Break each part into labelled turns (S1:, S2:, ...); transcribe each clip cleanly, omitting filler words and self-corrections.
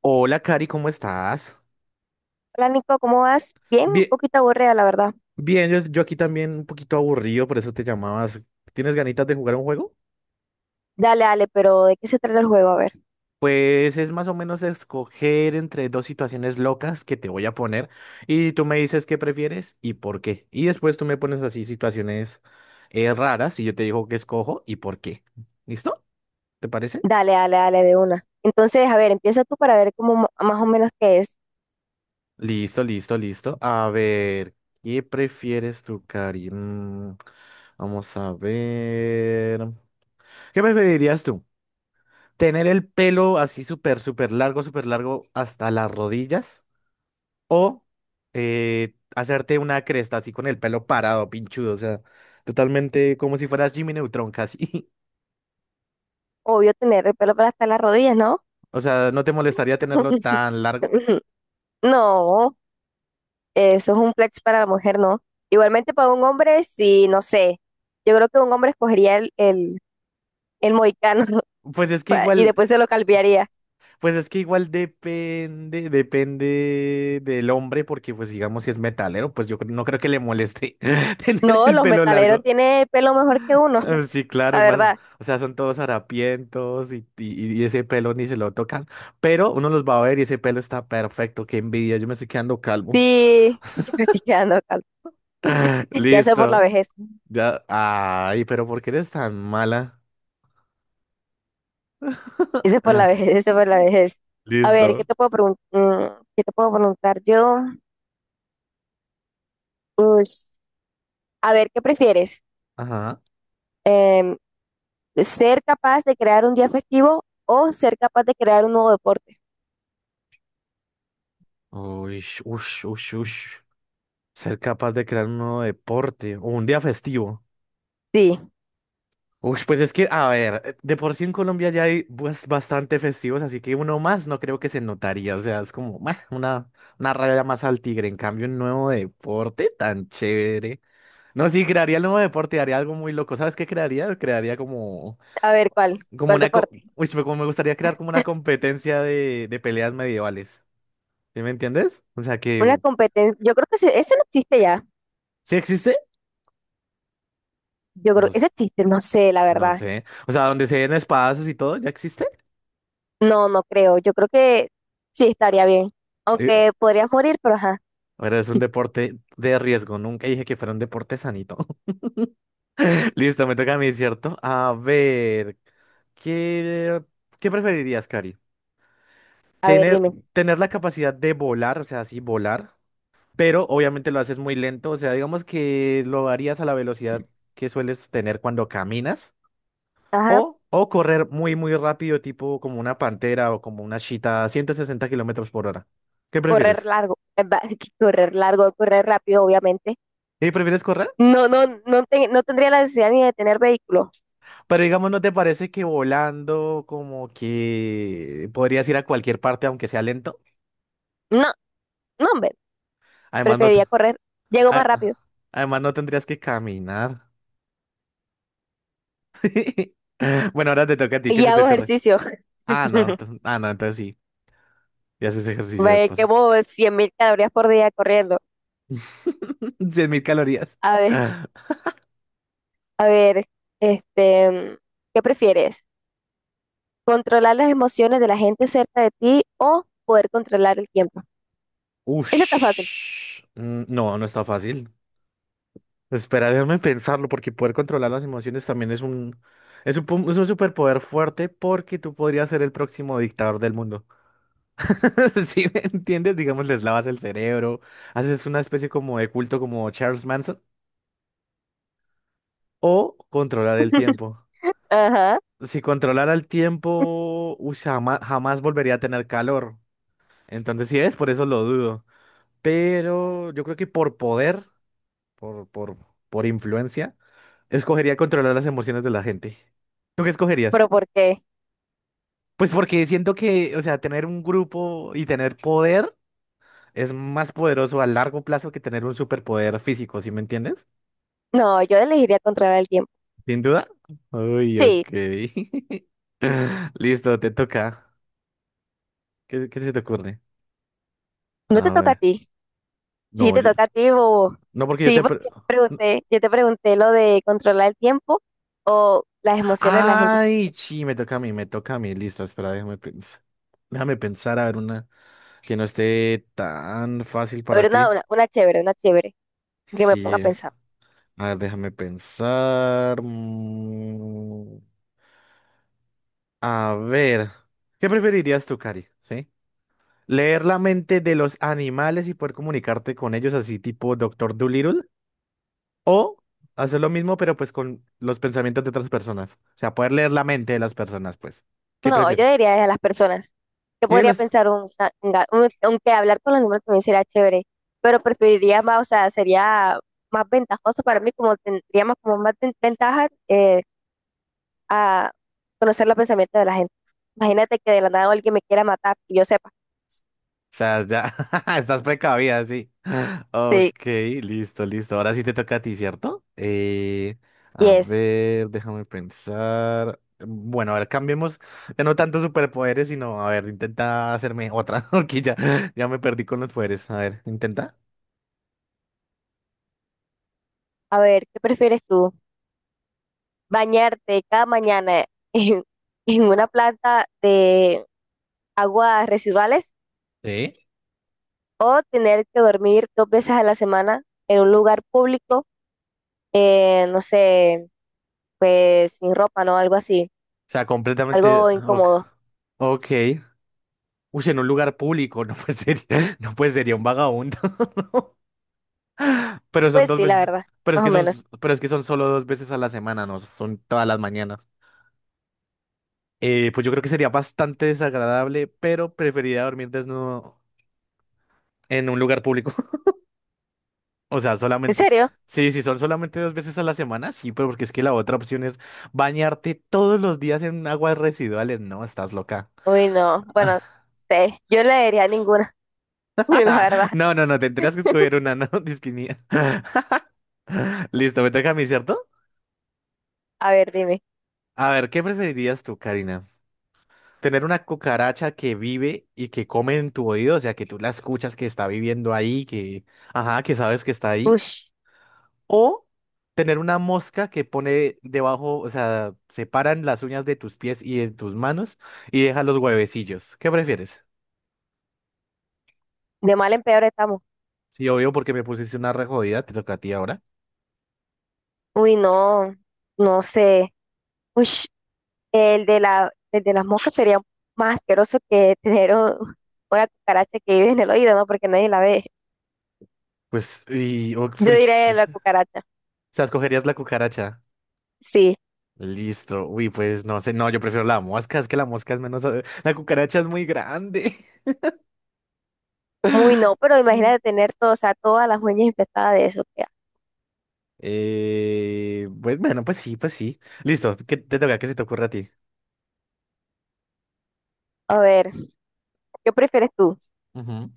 S1: Hola, Cari, ¿cómo estás?
S2: Hola Nico, ¿cómo vas? Bien, un
S1: Bien,
S2: poquito aburrida, la verdad.
S1: bien, yo aquí también un poquito aburrido, por eso te llamabas. ¿Tienes ganitas de jugar un juego?
S2: Dale, dale, pero ¿de qué se trata el juego? A ver.
S1: Pues es más o menos escoger entre dos situaciones locas que te voy a poner y tú me dices qué prefieres y por qué. Y después tú me pones así situaciones raras y yo te digo qué escojo y por qué. ¿Listo? ¿Te parece?
S2: Dale, dale, dale, de una. Entonces, a ver, empieza tú para ver cómo más o menos qué es.
S1: Listo, listo, listo. A ver, ¿qué prefieres tú, Cari? Vamos a ver. ¿Qué preferirías tú? Tener el pelo así súper, súper largo hasta las rodillas. O hacerte una cresta así con el pelo parado, pinchudo. O sea, totalmente como si fueras Jimmy Neutron casi.
S2: Obvio tener el pelo para hasta las rodillas, ¿no?
S1: O sea, ¿no te molestaría tenerlo tan largo?
S2: No, eso es un flex para la mujer, ¿no? Igualmente para un hombre, sí, no sé. Yo creo que un hombre escogería el mohicano
S1: Pues es que
S2: y
S1: igual,
S2: después se lo calviaría.
S1: pues es que igual depende del hombre, porque pues digamos si es metalero, pues no creo que le moleste tener
S2: No,
S1: el
S2: los
S1: pelo
S2: metaleros
S1: largo.
S2: tienen el pelo mejor que uno,
S1: Sí,
S2: la
S1: claro, más,
S2: verdad.
S1: o sea, son todos harapientos y ese pelo ni se lo tocan, pero uno los va a ver y ese pelo está perfecto, qué envidia, yo me estoy quedando calvo.
S2: Sí, yo me estoy quedando calva. Ya sea por la
S1: Listo.
S2: vejez.
S1: Ya, ay, pero ¿por qué eres tan mala?
S2: Ese es por la vejez, ese es por la vejez. A ver, ¿qué
S1: Listo.
S2: te puedo preguntar? ¿Qué te puedo preguntar yo? Ush. A ver, ¿qué prefieres?
S1: Ajá.
S2: Em, ¿Ser capaz de crear un día festivo o ser capaz de crear un nuevo deporte?
S1: Uy, ush, ush, ush. Ser capaz de crear un nuevo deporte o un día festivo.
S2: Sí,
S1: Uy, pues es que, a ver, de por sí en Colombia ya hay pues, bastante festivos, así que uno más no creo que se notaría, o sea, es como meh, una raya más al tigre, en cambio un nuevo deporte tan chévere. No, sí, crearía el nuevo deporte, haría algo muy loco, ¿sabes qué crearía? Crearía
S2: a ver, ¿cuál?
S1: como
S2: ¿Cuál
S1: una, co-
S2: deporte?
S1: uy, pero como me gustaría crear como una competencia de peleas medievales, ¿sí me entiendes? O sea que,
S2: Una competencia. Yo creo que ese no existe ya.
S1: ¿sí existe?
S2: Yo
S1: No,
S2: creo que ese existe, no sé, la
S1: no
S2: verdad.
S1: sé, o sea, donde se den espadazos y todo, ¿ya existe?
S2: No, no creo. Yo creo que sí estaría bien.
S1: Eh,
S2: Aunque podrías morir, pero ajá.
S1: Ahora es un deporte de riesgo. Nunca dije que fuera un deporte sanito. Listo, me toca a mí, ¿cierto? A ver, ¿qué, qué preferirías, Cari?
S2: A ver,
S1: Tener,
S2: dime.
S1: tener la capacidad de volar, o sea, así volar, pero obviamente lo haces muy lento, o sea, digamos que lo harías a la velocidad que sueles tener cuando caminas,
S2: Ajá.
S1: o correr muy, muy rápido, tipo como una pantera o como una chita a 160 kilómetros por hora. ¿Qué
S2: Correr
S1: prefieres?
S2: largo. Va, correr largo, correr rápido, obviamente.
S1: ¿Y prefieres correr?
S2: No, no, no, no tendría la necesidad ni de tener vehículo.
S1: Pero digamos, ¿no te parece que volando como que podrías ir a cualquier parte aunque sea lento?
S2: No, no, hombre,
S1: Además, no,
S2: preferiría correr. Llego más
S1: a-
S2: rápido
S1: además no tendrías que caminar. Bueno, ahora te toca a ti, ¿qué
S2: y
S1: se te
S2: hago
S1: ocurre?
S2: ejercicio.
S1: Ah, no, entonces sí, ya haces ejercicio
S2: Me
S1: de paso.
S2: quemo 100,000 calorías por día corriendo.
S1: 100.000 calorías.
S2: A ver, a ver, este, ¿qué prefieres? ¿Controlar las emociones de la gente cerca de ti o poder controlar el tiempo? Ese está fácil.
S1: Ush. Mm, No, no está fácil. Espera, déjame pensarlo porque poder controlar las emociones también es un, es un superpoder fuerte porque tú podrías ser el próximo dictador del mundo. ¿Si me entiendes? Digamos, les lavas el cerebro, haces una especie como de culto como Charles Manson, o controlar el tiempo.
S2: Ajá,
S1: Si controlara el tiempo, uy, jamás, jamás volvería a tener calor. Entonces, sí es, por eso lo dudo. Pero yo creo que por poder, por, por, por influencia, escogería controlar las emociones de la gente. ¿Tú qué escogerías?
S2: pero ¿por qué?
S1: Pues porque siento que, o sea, tener un grupo y tener poder es más poderoso a largo plazo que tener un superpoder físico, ¿sí me entiendes?
S2: No, yo elegiría controlar el tiempo.
S1: ¿Sin duda? Uy,
S2: Sí,
S1: ok. Listo, te toca. ¿Qué se te ocurre?
S2: no te
S1: A
S2: toca a
S1: ver.
S2: ti. Sí,
S1: No,
S2: te
S1: yo.
S2: toca a ti, bobo.
S1: No, porque yo
S2: Sí,
S1: te
S2: porque yo te pregunté lo de controlar el tiempo o las emociones de la gente.
S1: Ay, sí, me toca a mí, me toca a mí. Listo, espera, déjame pensar. Déjame pensar, a ver, una que no esté tan fácil
S2: A
S1: para
S2: ver, una,
S1: ti.
S2: una, una chévere, una chévere, que me ponga a
S1: Sí.
S2: pensar.
S1: A ver, déjame pensar. A ver. ¿Qué preferirías tú, Cari? ¿Sí? Leer la mente de los animales y poder comunicarte con ellos, así tipo Doctor Dolittle, o hacer lo mismo, pero pues con los pensamientos de otras personas. O sea, poder leer la mente de las personas, pues. ¿Qué
S2: No, yo
S1: prefieres?
S2: diría es a las personas. Yo
S1: Y de
S2: podría
S1: las...
S2: pensar, un, una- un ga- un- aunque hablar con los animales también sería chévere, pero preferiría más, o sea, sería más ventajoso para mí, como tendríamos como más ventaja a conocer los pensamientos de la gente. Imagínate que de la nada alguien me quiera matar y yo sepa.
S1: O sea, ya estás precavida, sí.
S2: Sí,
S1: Ok, listo, listo. Ahora sí te toca a ti, ¿cierto? A
S2: yes.
S1: ver, déjame pensar. Bueno, a ver, cambiemos de no tanto superpoderes, sino, a ver, intenta hacerme otra, porque ya, me perdí con los poderes. A ver, intenta.
S2: A ver, ¿qué prefieres tú? ¿Bañarte cada mañana en, en una planta de aguas residuales
S1: Sí.
S2: o tener que dormir 2 veces a la semana en un lugar público, no sé, pues sin ropa, ¿no? Algo así,
S1: O sea, completamente.
S2: algo
S1: Ok.
S2: incómodo.
S1: Ok. Uy, en un lugar público, no puede ser, no puede sería un vagabundo. Pero son
S2: Pues
S1: dos
S2: sí, la
S1: veces.
S2: verdad,
S1: Pero es
S2: más
S1: que
S2: o
S1: son,
S2: menos.
S1: pero es que son solo dos veces a la semana, no son todas las mañanas. Pues yo creo que sería bastante desagradable, pero preferiría dormir desnudo en un lugar público. O sea,
S2: ¿En
S1: solamente.
S2: serio?
S1: Sí, si son solamente dos veces a la semana, sí, pero porque es que la otra opción es bañarte todos los días en aguas residuales. No, estás loca.
S2: Uy, no. Bueno, sé, yo no le diría ninguna, la verdad.
S1: No, no, no, tendrías que escoger una, no, Listo, me toca a mí, ¿cierto?
S2: A ver, dime.
S1: A ver, ¿qué preferirías tú, Karina? ¿Tener una cucaracha que vive y que come en tu oído? O sea, que tú la escuchas que está viviendo ahí, que, ajá, que sabes que está ahí.
S2: Ush.
S1: ¿O tener una mosca que pone debajo, o sea, separan las uñas de tus pies y de tus manos y deja los huevecillos? ¿Qué prefieres?
S2: De mal en peor estamos.
S1: Sí, obvio, porque me pusiste una re jodida, te toca a ti ahora.
S2: Uy, no, no sé. Uy, el de las moscas sería más asqueroso que tener una cucaracha que vive en el oído, ¿no? Porque nadie la ve.
S1: Pues, y, o-
S2: Yo diría
S1: pues,
S2: la
S1: o
S2: cucaracha.
S1: sea, escogerías la cucaracha.
S2: Sí,
S1: Listo. Uy, pues no sé, no, yo prefiero la mosca, es que la mosca es menos. La cucaracha es muy grande.
S2: muy no, pero
S1: Mm.
S2: imagínate tener todo, o sea, todas las uñas infestadas de eso. Qué asco.
S1: Pues bueno, pues sí, pues sí. Listo, ¿qué te toca? ¿Qué se te ocurre a ti?
S2: A ver, ¿qué prefieres tú?
S1: Ujú.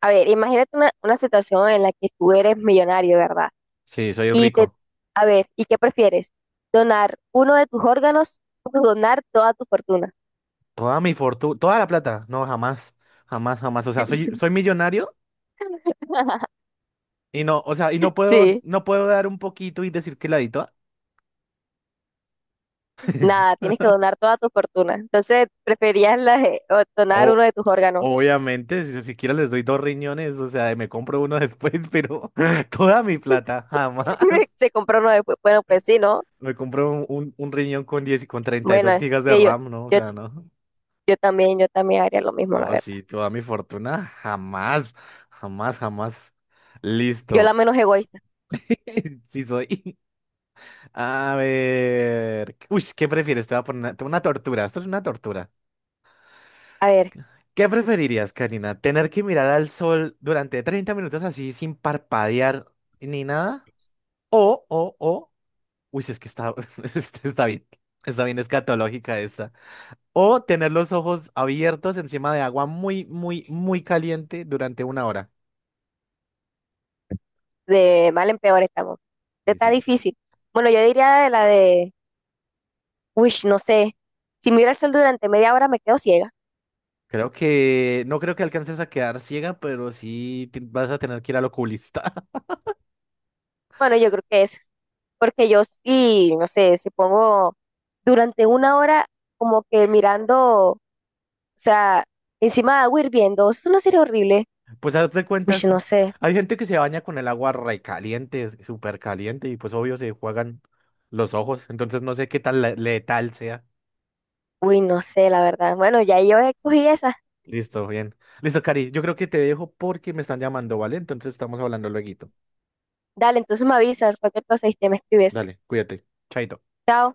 S2: A ver, imagínate una situación en la que tú eres millonario, ¿verdad?
S1: Sí, soy
S2: Y te,
S1: rico.
S2: a ver, ¿y qué prefieres? ¿Donar uno de tus órganos o donar toda tu fortuna?
S1: Toda mi fortuna, toda la plata. No, jamás, jamás, jamás. O sea, soy millonario y no, o sea, y no puedo,
S2: Sí.
S1: no puedo dar un poquito y decir que la di toda.
S2: Nada, tienes que donar toda tu fortuna. Entonces, preferías o donar uno
S1: O,
S2: de tus órganos.
S1: obviamente, si siquiera les doy dos riñones, o sea, me compro uno después, pero toda mi plata, jamás.
S2: Se compró uno después. Bueno, pues sí, ¿no?
S1: Me compré un, un riñón con 10 y con treinta y
S2: Bueno,
S1: dos gigas de
S2: sí,
S1: RAM, ¿no? O sea,
S2: yo,
S1: no.
S2: yo también, yo también, haría lo mismo, la
S1: No,
S2: verdad.
S1: sí, toda mi fortuna. Jamás, jamás, jamás.
S2: Yo la
S1: Listo.
S2: menos egoísta.
S1: Sí soy. A ver. Uy, ¿qué prefieres? Te voy a poner una tortura. Esto es una tortura.
S2: A ver,
S1: ¿Qué preferirías, Karina? ¿Tener que mirar al sol durante 30 minutos así sin parpadear ni nada? O. Uy, es que está, está bien. Está bien escatológica. O tener los ojos abiertos encima de agua muy, muy, muy caliente durante una hora.
S2: de mal en peor estamos. Esta
S1: Y
S2: Está
S1: sí,
S2: difícil. Bueno, yo diría uy, no sé. Si miro el sol durante media hora me quedo ciega.
S1: creo que no creo que alcances a quedar ciega, pero sí vas a tener que ir al oculista.
S2: Bueno, yo creo que es. Porque yo sí, no sé, si pongo durante una hora como que mirando. O sea, encima de agua hirviendo, eso no sería horrible.
S1: Pues hazte
S2: Uy,
S1: cuenta, que
S2: no sé.
S1: hay gente que se baña con el agua re caliente, súper caliente, y pues obvio se juegan los ojos. Entonces no sé qué tan letal sea.
S2: Uy, no sé, la verdad. Bueno, ya yo escogí esa.
S1: Listo, bien. Listo, Cari, yo creo que te dejo porque me están llamando, ¿vale? Entonces estamos hablando lueguito.
S2: Dale, entonces me avisas, cualquier cosa y te me escribes.
S1: Dale, cuídate. Chaito.
S2: Chao.